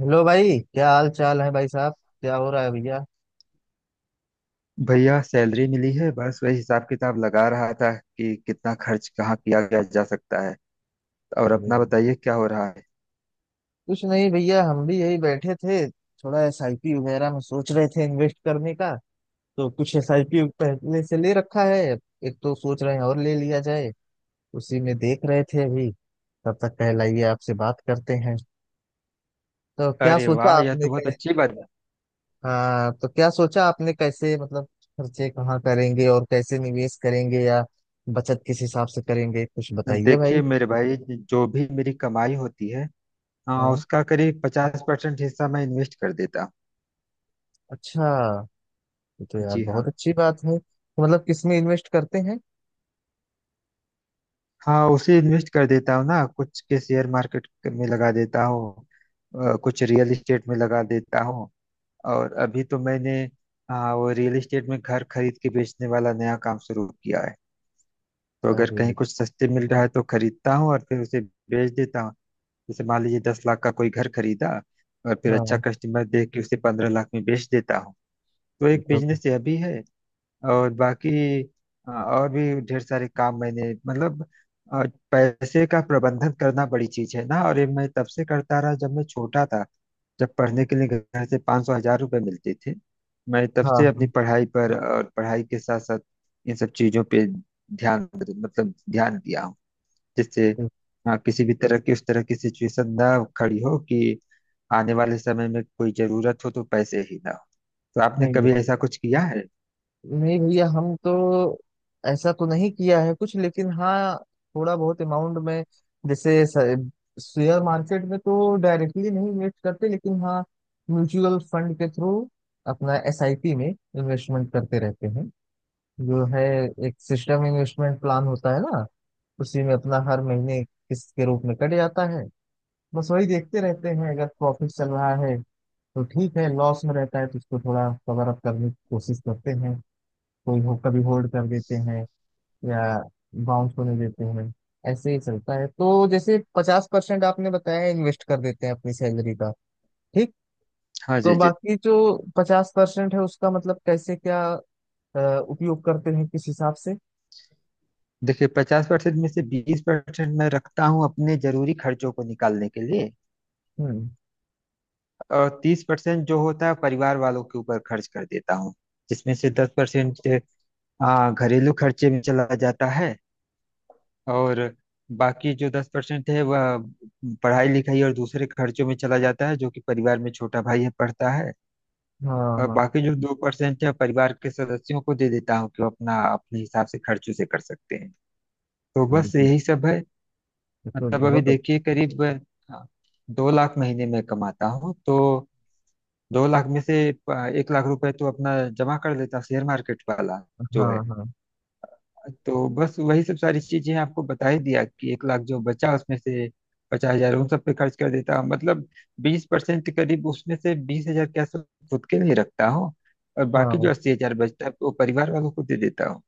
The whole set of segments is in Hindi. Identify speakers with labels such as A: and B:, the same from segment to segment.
A: हेलो भाई, क्या हाल चाल है भाई साहब। क्या हो रहा है भैया।
B: भैया सैलरी मिली है बस वही हिसाब किताब लगा रहा था कि कितना खर्च कहाँ किया गया जा सकता है। और
A: अरे,
B: अपना बताइए क्या हो रहा है।
A: कुछ नहीं भैया, हम भी यही बैठे थे, थोड़ा एसआईपी वगैरह में सोच रहे थे इन्वेस्ट करने का। तो कुछ एसआईपी पहले से ले रखा है, एक तो सोच रहे हैं और ले लिया जाए। उसी में देख रहे थे अभी। तब तक कहलाइए, आपसे बात करते हैं। तो क्या
B: अरे
A: सोचा
B: वाह यह
A: आपने
B: तो बहुत अच्छी बात
A: हाँ, तो क्या सोचा आपने, कैसे मतलब खर्चे कहाँ करेंगे और कैसे निवेश करेंगे, या बचत किस हिसाब से करेंगे, कुछ
B: है।
A: बताइए भाई।
B: देखिए मेरे भाई जो भी मेरी कमाई होती है, हाँ,
A: हाँ।
B: उसका करीब 50% हिस्सा मैं इन्वेस्ट कर देता हूँ।
A: अच्छा, ये तो यार
B: जी
A: बहुत
B: हाँ।
A: अच्छी बात है। तो मतलब किसमें इन्वेस्ट करते हैं।
B: हाँ उसे इन्वेस्ट कर देता हूँ ना कुछ के शेयर मार्केट में लगा देता हूँ। कुछ रियल एस्टेट में लगा देता हूँ। और अभी तो मैंने, हाँ, वो रियल एस्टेट में घर खरीद के बेचने वाला नया काम शुरू किया। तो अगर कहीं
A: अरे।
B: कुछ सस्ते मिल रहा है तो खरीदता हूँ और फिर उसे बेच देता हूँ। जैसे मान लीजिए 10 लाख का कोई घर खरीदा और फिर अच्छा
A: हाँ
B: कस्टमर देख के उसे 15 लाख में बेच देता हूँ। तो
A: ये
B: एक
A: तो।
B: बिजनेस यह भी है। और बाकी और भी ढेर सारे काम मैंने मतलब अ, पैसे का प्रबंधन करना बड़ी चीज है ना। और ये मैं तब से करता रहा जब मैं छोटा था। जब पढ़ने के लिए घर से पाँच सौ हजार रुपये मिलते थे मैं तब
A: हाँ
B: से अपनी
A: हाँ।
B: पढ़ाई पर और पढ़ाई के साथ साथ इन सब चीजों पे ध्यान मतलब ध्यान दिया हूँ, जिससे,
A: ये-
B: हाँ, किसी भी तरह की उस तरह की सिचुएशन ना खड़ी हो कि आने वाले समय में कोई जरूरत हो तो पैसे ही ना हो। तो आपने
A: नहीं ये,
B: कभी ऐसा कुछ किया है।
A: नहीं भैया, हम तो ऐसा तो नहीं किया है कुछ, लेकिन हाँ, थोड़ा बहुत अमाउंट में। जैसे शेयर मार्केट में तो डायरेक्टली नहीं इन्वेस्ट करते, लेकिन हाँ, म्यूचुअल फंड के थ्रू अपना एसआईपी में इन्वेस्टमेंट करते रहते हैं, जो है एक सिस्टम इन्वेस्टमेंट प्लान होता है ना, उसी में अपना हर महीने किस्त के रूप में कट जाता है। बस वही देखते रहते हैं, अगर प्रॉफिट चल रहा है तो ठीक है, लॉस में रहता है तो उसको थोड़ा कवर अप करने की कोशिश करते हैं, कोई हो कभी होल्ड कर देते हैं, या बाउंस होने देते हैं, ऐसे ही चलता है। तो जैसे 50% आपने बताया इन्वेस्ट कर देते हैं अपनी सैलरी का, ठीक।
B: हाँ
A: तो
B: जी जी।
A: बाकी जो 50% है उसका मतलब कैसे क्या अ, उपयोग करते हैं किस हिसाब से।
B: देखिए 50% में से 20% मैं रखता हूँ अपने जरूरी खर्चों को निकालने के लिए।
A: हम्म।
B: और 30% जो होता है परिवार वालों के ऊपर खर्च कर देता हूँ जिसमें से 10% घरेलू खर्चे में चला जाता है। और बाकी जो 10% है वह पढ़ाई लिखाई और दूसरे खर्चों में चला जाता है जो कि परिवार में छोटा भाई है पढ़ता है।
A: हाँ
B: और
A: हाँ।
B: बाकी जो 2% है परिवार के सदस्यों को दे देता हूँ कि वो अपना अपने हिसाब से खर्चों से कर सकते हैं। तो बस
A: बिल्कुल।
B: यही सब है।
A: ये तो
B: मतलब अभी
A: बहुत
B: देखिए करीब, हाँ, 2 लाख महीने में कमाता हूँ तो 2 लाख में से 1 लाख रुपए तो अपना जमा कर लेता हूँ शेयर मार्केट वाला
A: अच्छा।
B: जो है।
A: हाँ हाँ
B: तो बस वही सब सारी चीजें आपको बता ही दिया कि 1 लाख जो बचा उसमें से 50 हजार उन सब पे खर्च कर देता हूँ मतलब 20% करीब उसमें से 20 हजार क्या सब खुद के लिए रखता हूँ। और बाकी
A: हाँ।
B: जो 80 हजार बचता है वो परिवार वालों को दे देता हूँ।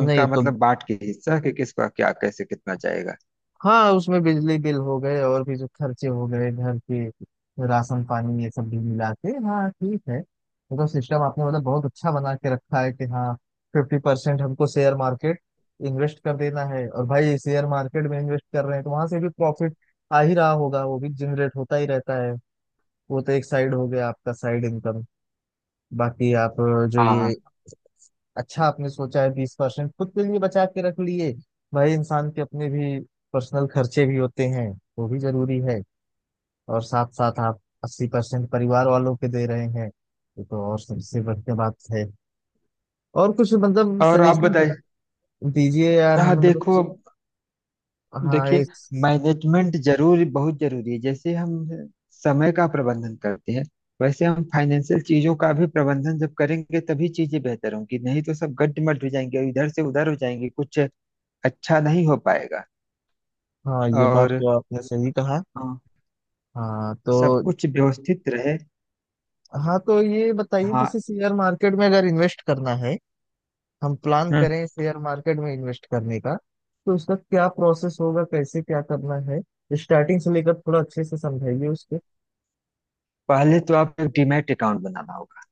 A: नहीं
B: उनका
A: तो।
B: मतलब बांट के हिस्सा कि किसका क्या कैसे कितना जाएगा।
A: हाँ, उसमें बिजली बिल हो गए और भी जो खर्चे हो गए घर के, राशन पानी, ये सब भी मिला के। हाँ ठीक है, ये तो सिस्टम आपने मतलब बहुत अच्छा बना के रखा है, कि हाँ 50% हमको शेयर मार्केट इन्वेस्ट कर देना है, और भाई शेयर मार्केट में इन्वेस्ट कर रहे हैं तो वहां से भी प्रॉफिट आ ही रहा होगा, वो भी जनरेट होता ही रहता है। वो तो एक साइड हो गया आपका साइड इनकम, बाकी आप जो
B: हाँ
A: ये।
B: हाँ
A: अच्छा, आपने सोचा है 20% खुद के लिए बचा के रख लिए, भाई इंसान के अपने भी पर्सनल खर्चे भी होते हैं, वो भी जरूरी है। और साथ साथ आप 80% परिवार वालों के दे रहे हैं, ये तो और सबसे बढ़िया बात है। और कुछ मतलब
B: और आप
A: सजेशन
B: बताइए।
A: दीजिए यार
B: हाँ
A: हमें, मतलब
B: देखो
A: हाँ
B: देखिए
A: एक।
B: मैनेजमेंट जरूरी बहुत जरूरी है। जैसे हम समय का प्रबंधन करते हैं वैसे हम फाइनेंशियल चीजों का भी प्रबंधन जब करेंगे तभी चीजें बेहतर होंगी नहीं तो सब गड्डमड हो जाएंगे और इधर से उधर हो जाएंगे कुछ अच्छा नहीं हो पाएगा।
A: हाँ ये बात
B: और
A: तो आपने सही कहा।
B: हाँ,
A: हाँ
B: सब
A: तो।
B: कुछ व्यवस्थित रहे।
A: हाँ तो ये बताइए,
B: हाँ।
A: जैसे शेयर मार्केट में अगर इन्वेस्ट करना है, हम प्लान
B: हम्म,
A: करें शेयर मार्केट में इन्वेस्ट करने का, तो उसका क्या प्रोसेस होगा, कैसे क्या करना है, स्टार्टिंग से लेकर थोड़ा अच्छे से समझाइए उसके।
B: पहले तो आपको डीमैट अकाउंट बनाना होगा।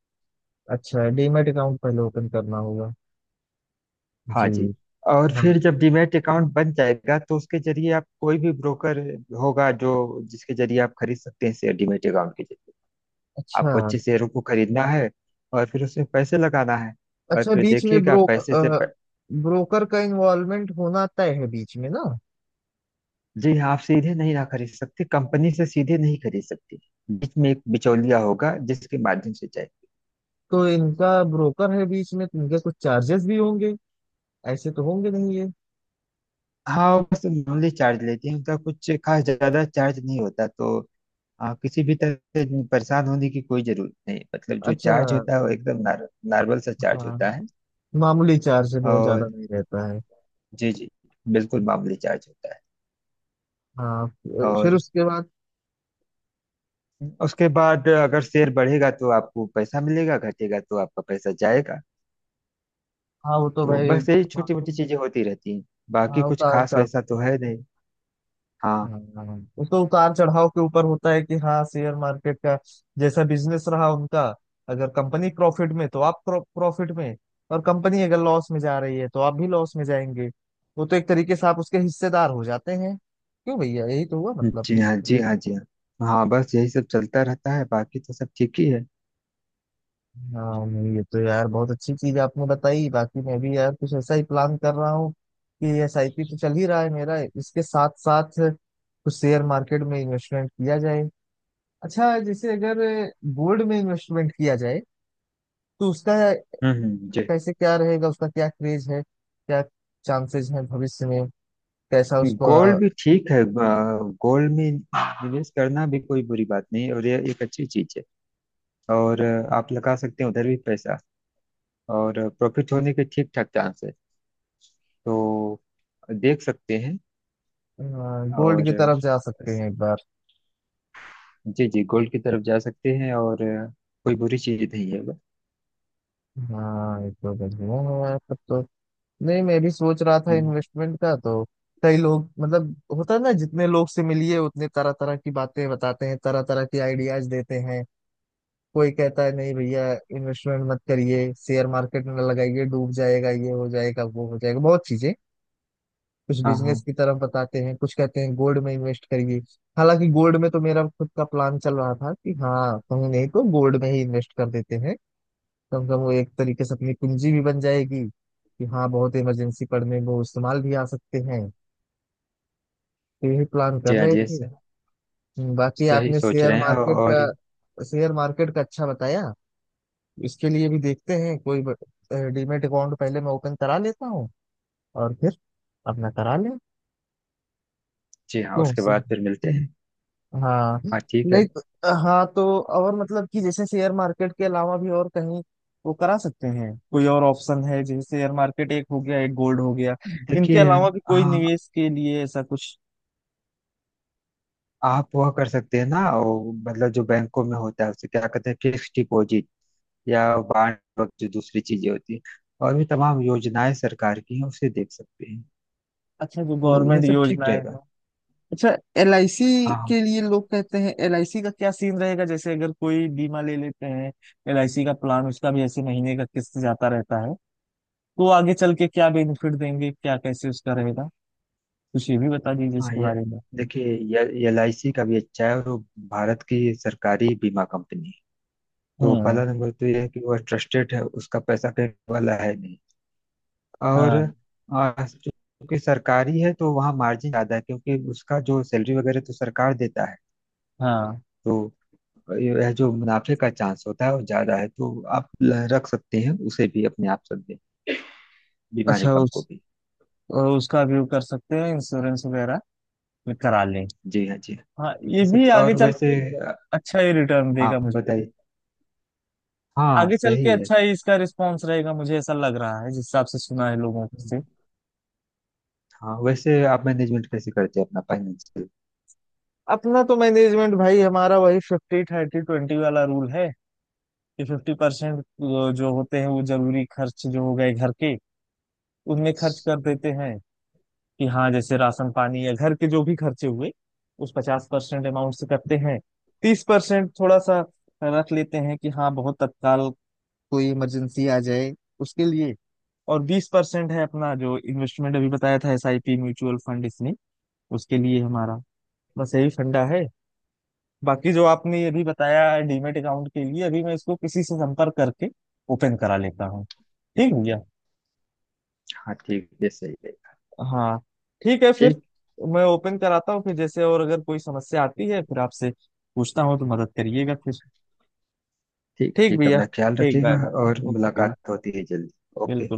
A: अच्छा, डीमैट अकाउंट पहले ओपन करना होगा। जी
B: हाँ जी। और
A: हाँ।
B: फिर जब डीमैट अकाउंट बन जाएगा तो उसके जरिए आप कोई भी ब्रोकर होगा जो जिसके जरिए आप खरीद सकते हैं शेयर डीमैट अकाउंट के जरिए।
A: अच्छा।
B: आपको अच्छे शेयरों को खरीदना है और फिर उसमें पैसे लगाना है और
A: अच्छा,
B: फिर
A: बीच में
B: देखिएगा पैसे से प...।
A: ब्रोकर का इन्वॉल्वमेंट होना तय है बीच में ना।
B: जी हाँ आप सीधे नहीं ना खरीद सकते कंपनी से सीधे नहीं खरीद सकते। बीच में एक बिचौलिया होगा जिसके माध्यम से जाए।
A: तो इनका ब्रोकर है बीच में, तो इनके कुछ चार्जेस भी होंगे, ऐसे तो होंगे नहीं ये।
B: हाँ वो बस नॉर्मली चार्ज लेते हैं उनका कुछ खास ज्यादा चार्ज नहीं होता। तो किसी भी तरह से परेशान होने की कोई जरूरत नहीं मतलब जो
A: अच्छा।
B: चार्ज होता है वो एकदम नॉर्मल सा चार्ज
A: हाँ
B: होता है।
A: मामूली चार्ज है, बहुत ज्यादा
B: और
A: नहीं रहता है।
B: जी जी बिल्कुल मामूली चार्ज होता है।
A: हाँ। फिर
B: और
A: उसके बाद।
B: उसके बाद अगर शेयर बढ़ेगा तो आपको पैसा मिलेगा घटेगा तो आपका पैसा जाएगा।
A: हाँ वो तो
B: तो
A: भाई।
B: बस यही
A: हाँ।
B: छोटी मोटी चीजें होती रहती हैं। बाकी
A: हाँ,
B: कुछ
A: उतार
B: खास
A: चढ़।
B: वैसा तो है नहीं। हाँ
A: हाँ, वो तो उतार चढ़ाव के ऊपर होता है कि हाँ, शेयर मार्केट का जैसा बिजनेस रहा उनका, अगर कंपनी प्रॉफिट में तो आप प्रॉफिट में, और कंपनी अगर लॉस में जा रही है तो आप भी लॉस में जाएंगे। वो तो एक तरीके से आप उसके हिस्सेदार हो जाते हैं, क्यों भैया, यही तो हुआ मतलब।
B: जी हाँ जी हाँ जी हाँ। हाँ बस यही सब चलता रहता है बाकी तो सब ठीक ही है।
A: हाँ नहीं, ये तो यार बहुत अच्छी चीज आपने बताई। बाकी मैं भी यार कुछ ऐसा ही प्लान कर रहा हूँ कि SIP तो चल ही रहा है मेरा, इसके साथ साथ कुछ शेयर मार्केट में इन्वेस्टमेंट किया जाए। अच्छा, जैसे अगर गोल्ड में इन्वेस्टमेंट किया जाए तो उसका
B: जी।
A: कैसे क्या रहेगा, उसका क्या क्रेज है, क्या चांसेस हैं भविष्य में, कैसा उसको।
B: गोल्ड भी ठीक है। गोल्ड में निवेश करना भी कोई बुरी बात नहीं है और ये एक अच्छी चीज है। और आप लगा सकते हैं उधर भी पैसा और प्रॉफिट होने के ठीक ठाक चांस है। तो देख सकते हैं।
A: गोल्ड की
B: और
A: तरफ जा सकते हैं एक बार।
B: जी जी गोल्ड की तरफ जा सकते हैं और कोई बुरी चीज नहीं है बस।
A: हाँ ये तो बढ़िया है तब तो। नहीं, मैं भी सोच रहा था
B: हम्म,
A: इन्वेस्टमेंट का तो। कई लोग मतलब होता है ना, जितने लोग से मिलिए उतने तरह तरह की बातें बताते हैं, तरह तरह की आइडियाज देते हैं। कोई कहता है नहीं भैया, इन्वेस्टमेंट मत करिए शेयर मार्केट में, लगाइए डूब जाएगा, ये हो जाएगा वो हो जाएगा, बहुत चीजें। कुछ
B: हाँ
A: बिजनेस
B: हाँ
A: की तरफ बताते हैं, कुछ कहते हैं गोल्ड में इन्वेस्ट करिए। हालांकि गोल्ड में तो मेरा खुद का प्लान चल रहा था कि हाँ कहीं नहीं तो गोल्ड में ही इन्वेस्ट कर देते हैं, कम से कम वो एक तरीके से अपनी पूंजी भी बन जाएगी कि हाँ बहुत इमरजेंसी पड़ने में वो इस्तेमाल भी आ सकते हैं, तो यही प्लान कर
B: जी हाँ
A: रहे
B: जी
A: थे।
B: सर
A: बाकी
B: सही
A: आपने
B: सोच
A: शेयर
B: रहे हैं
A: मार्केट
B: और।
A: का अच्छा बताया, इसके लिए भी देखते हैं कोई डीमेट अकाउंट पहले मैं ओपन करा लेता हूँ, और फिर अपना करा लें।
B: जी हाँ
A: क्यों
B: उसके
A: से
B: बाद फिर मिलते हैं।
A: हाँ
B: हाँ ठीक है।
A: नहीं तो, हाँ तो और मतलब कि जैसे शेयर मार्केट के अलावा भी और कहीं वो करा सकते हैं, कोई और ऑप्शन है, जैसे शेयर मार्केट एक हो गया, एक गोल्ड हो गया, इनके
B: देखिए
A: अलावा भी कोई
B: हाँ
A: निवेश के लिए ऐसा कुछ।
B: आप वह कर सकते हैं ना वो मतलब जो बैंकों में होता है उसे क्या कहते हैं फिक्स डिपॉजिट या बांड वक्त जो दूसरी चीजें होती हैं और भी तमाम योजनाएं सरकार की हैं उसे देख सकते हैं।
A: अच्छा, जो
B: तो यह
A: गवर्नमेंट
B: सब ठीक
A: योजनाएं हैं।
B: रहेगा।
A: अच्छा, LIC
B: हाँ हाँ।
A: के लिए लोग कहते हैं, LIC का क्या सीन रहेगा, जैसे अगर कोई बीमा ले लेते हैं LIC का प्लान, उसका भी ऐसे महीने का किस्त जाता रहता है, तो आगे चल के क्या बेनिफिट देंगे, क्या कैसे उसका रहेगा, कुछ ये भी बता दीजिए
B: हाँ
A: इसके
B: ये
A: बारे में।
B: देखिए ये एलआईसी का भी अच्छा है और वो भारत की सरकारी बीमा कंपनी है। तो
A: हम्म।
B: पहला नंबर तो ये है कि वह ट्रस्टेड है उसका पैसा कहीं वाला है नहीं। और
A: हाँ
B: चूंकि सरकारी है तो वहाँ मार्जिन ज्यादा है क्योंकि उसका जो सैलरी वगैरह तो सरकार देता है।
A: हाँ।
B: तो यह जो मुनाफे का चांस होता है वो ज्यादा है। तो आप रख सकते हैं उसे भी अपने आप सब में बीमा
A: अच्छा,
B: निगम को
A: उस
B: भी।
A: उसका व्यू कर सकते हैं, इंश्योरेंस वगैरह में करा लें।
B: जी हाँ जी हाँ।
A: हाँ ये भी आगे
B: और
A: चल
B: वैसे
A: के
B: आ,
A: अच्छा ही रिटर्न देगा
B: हाँ
A: मुझे,
B: बताइए। हाँ
A: आगे चल के
B: सही
A: अच्छा ही इसका रिस्पॉन्स रहेगा, मुझे ऐसा लग रहा है जिस हिसाब से सुना है लोगों
B: है।
A: से।
B: हाँ वैसे आप मैनेजमेंट कैसे करते हैं अपना फाइनेंशियल।
A: अपना तो मैनेजमेंट भाई हमारा वही 50-30-20 वाला रूल है, कि 50% जो होते हैं वो जरूरी खर्च जो हो गए घर के उनमें खर्च कर देते हैं, कि हाँ जैसे राशन पानी या घर के जो भी खर्चे हुए उस 50% अमाउंट से करते हैं। 30% थोड़ा सा रख लेते हैं कि हाँ बहुत तत्काल कोई इमरजेंसी आ जाए उसके लिए। और 20% है अपना जो इन्वेस्टमेंट अभी बताया था एसआईपी म्यूचुअल फंड, इसमें उसके लिए हमारा, बस यही फंडा है। बाकी जो आपने ये भी बताया डीमेट अकाउंट के लिए अभी मैं इसको किसी से संपर्क करके ओपन करा लेता हूँ, ठीक है भैया।
B: हाँ ठीक है सही है।
A: हाँ ठीक है फिर,
B: ठीक
A: मैं ओपन कराता हूँ फिर, जैसे और अगर कोई समस्या आती है फिर आपसे पूछता हूँ, तो मदद करिएगा फिर।
B: ठीक
A: ठीक
B: ठीक
A: भैया।
B: अपना ख्याल
A: ठीक,
B: रखिएगा।
A: Bye bye.
B: और
A: ओके।
B: मुलाकात होती है जल्दी।
A: बिल्कुल।
B: ओके।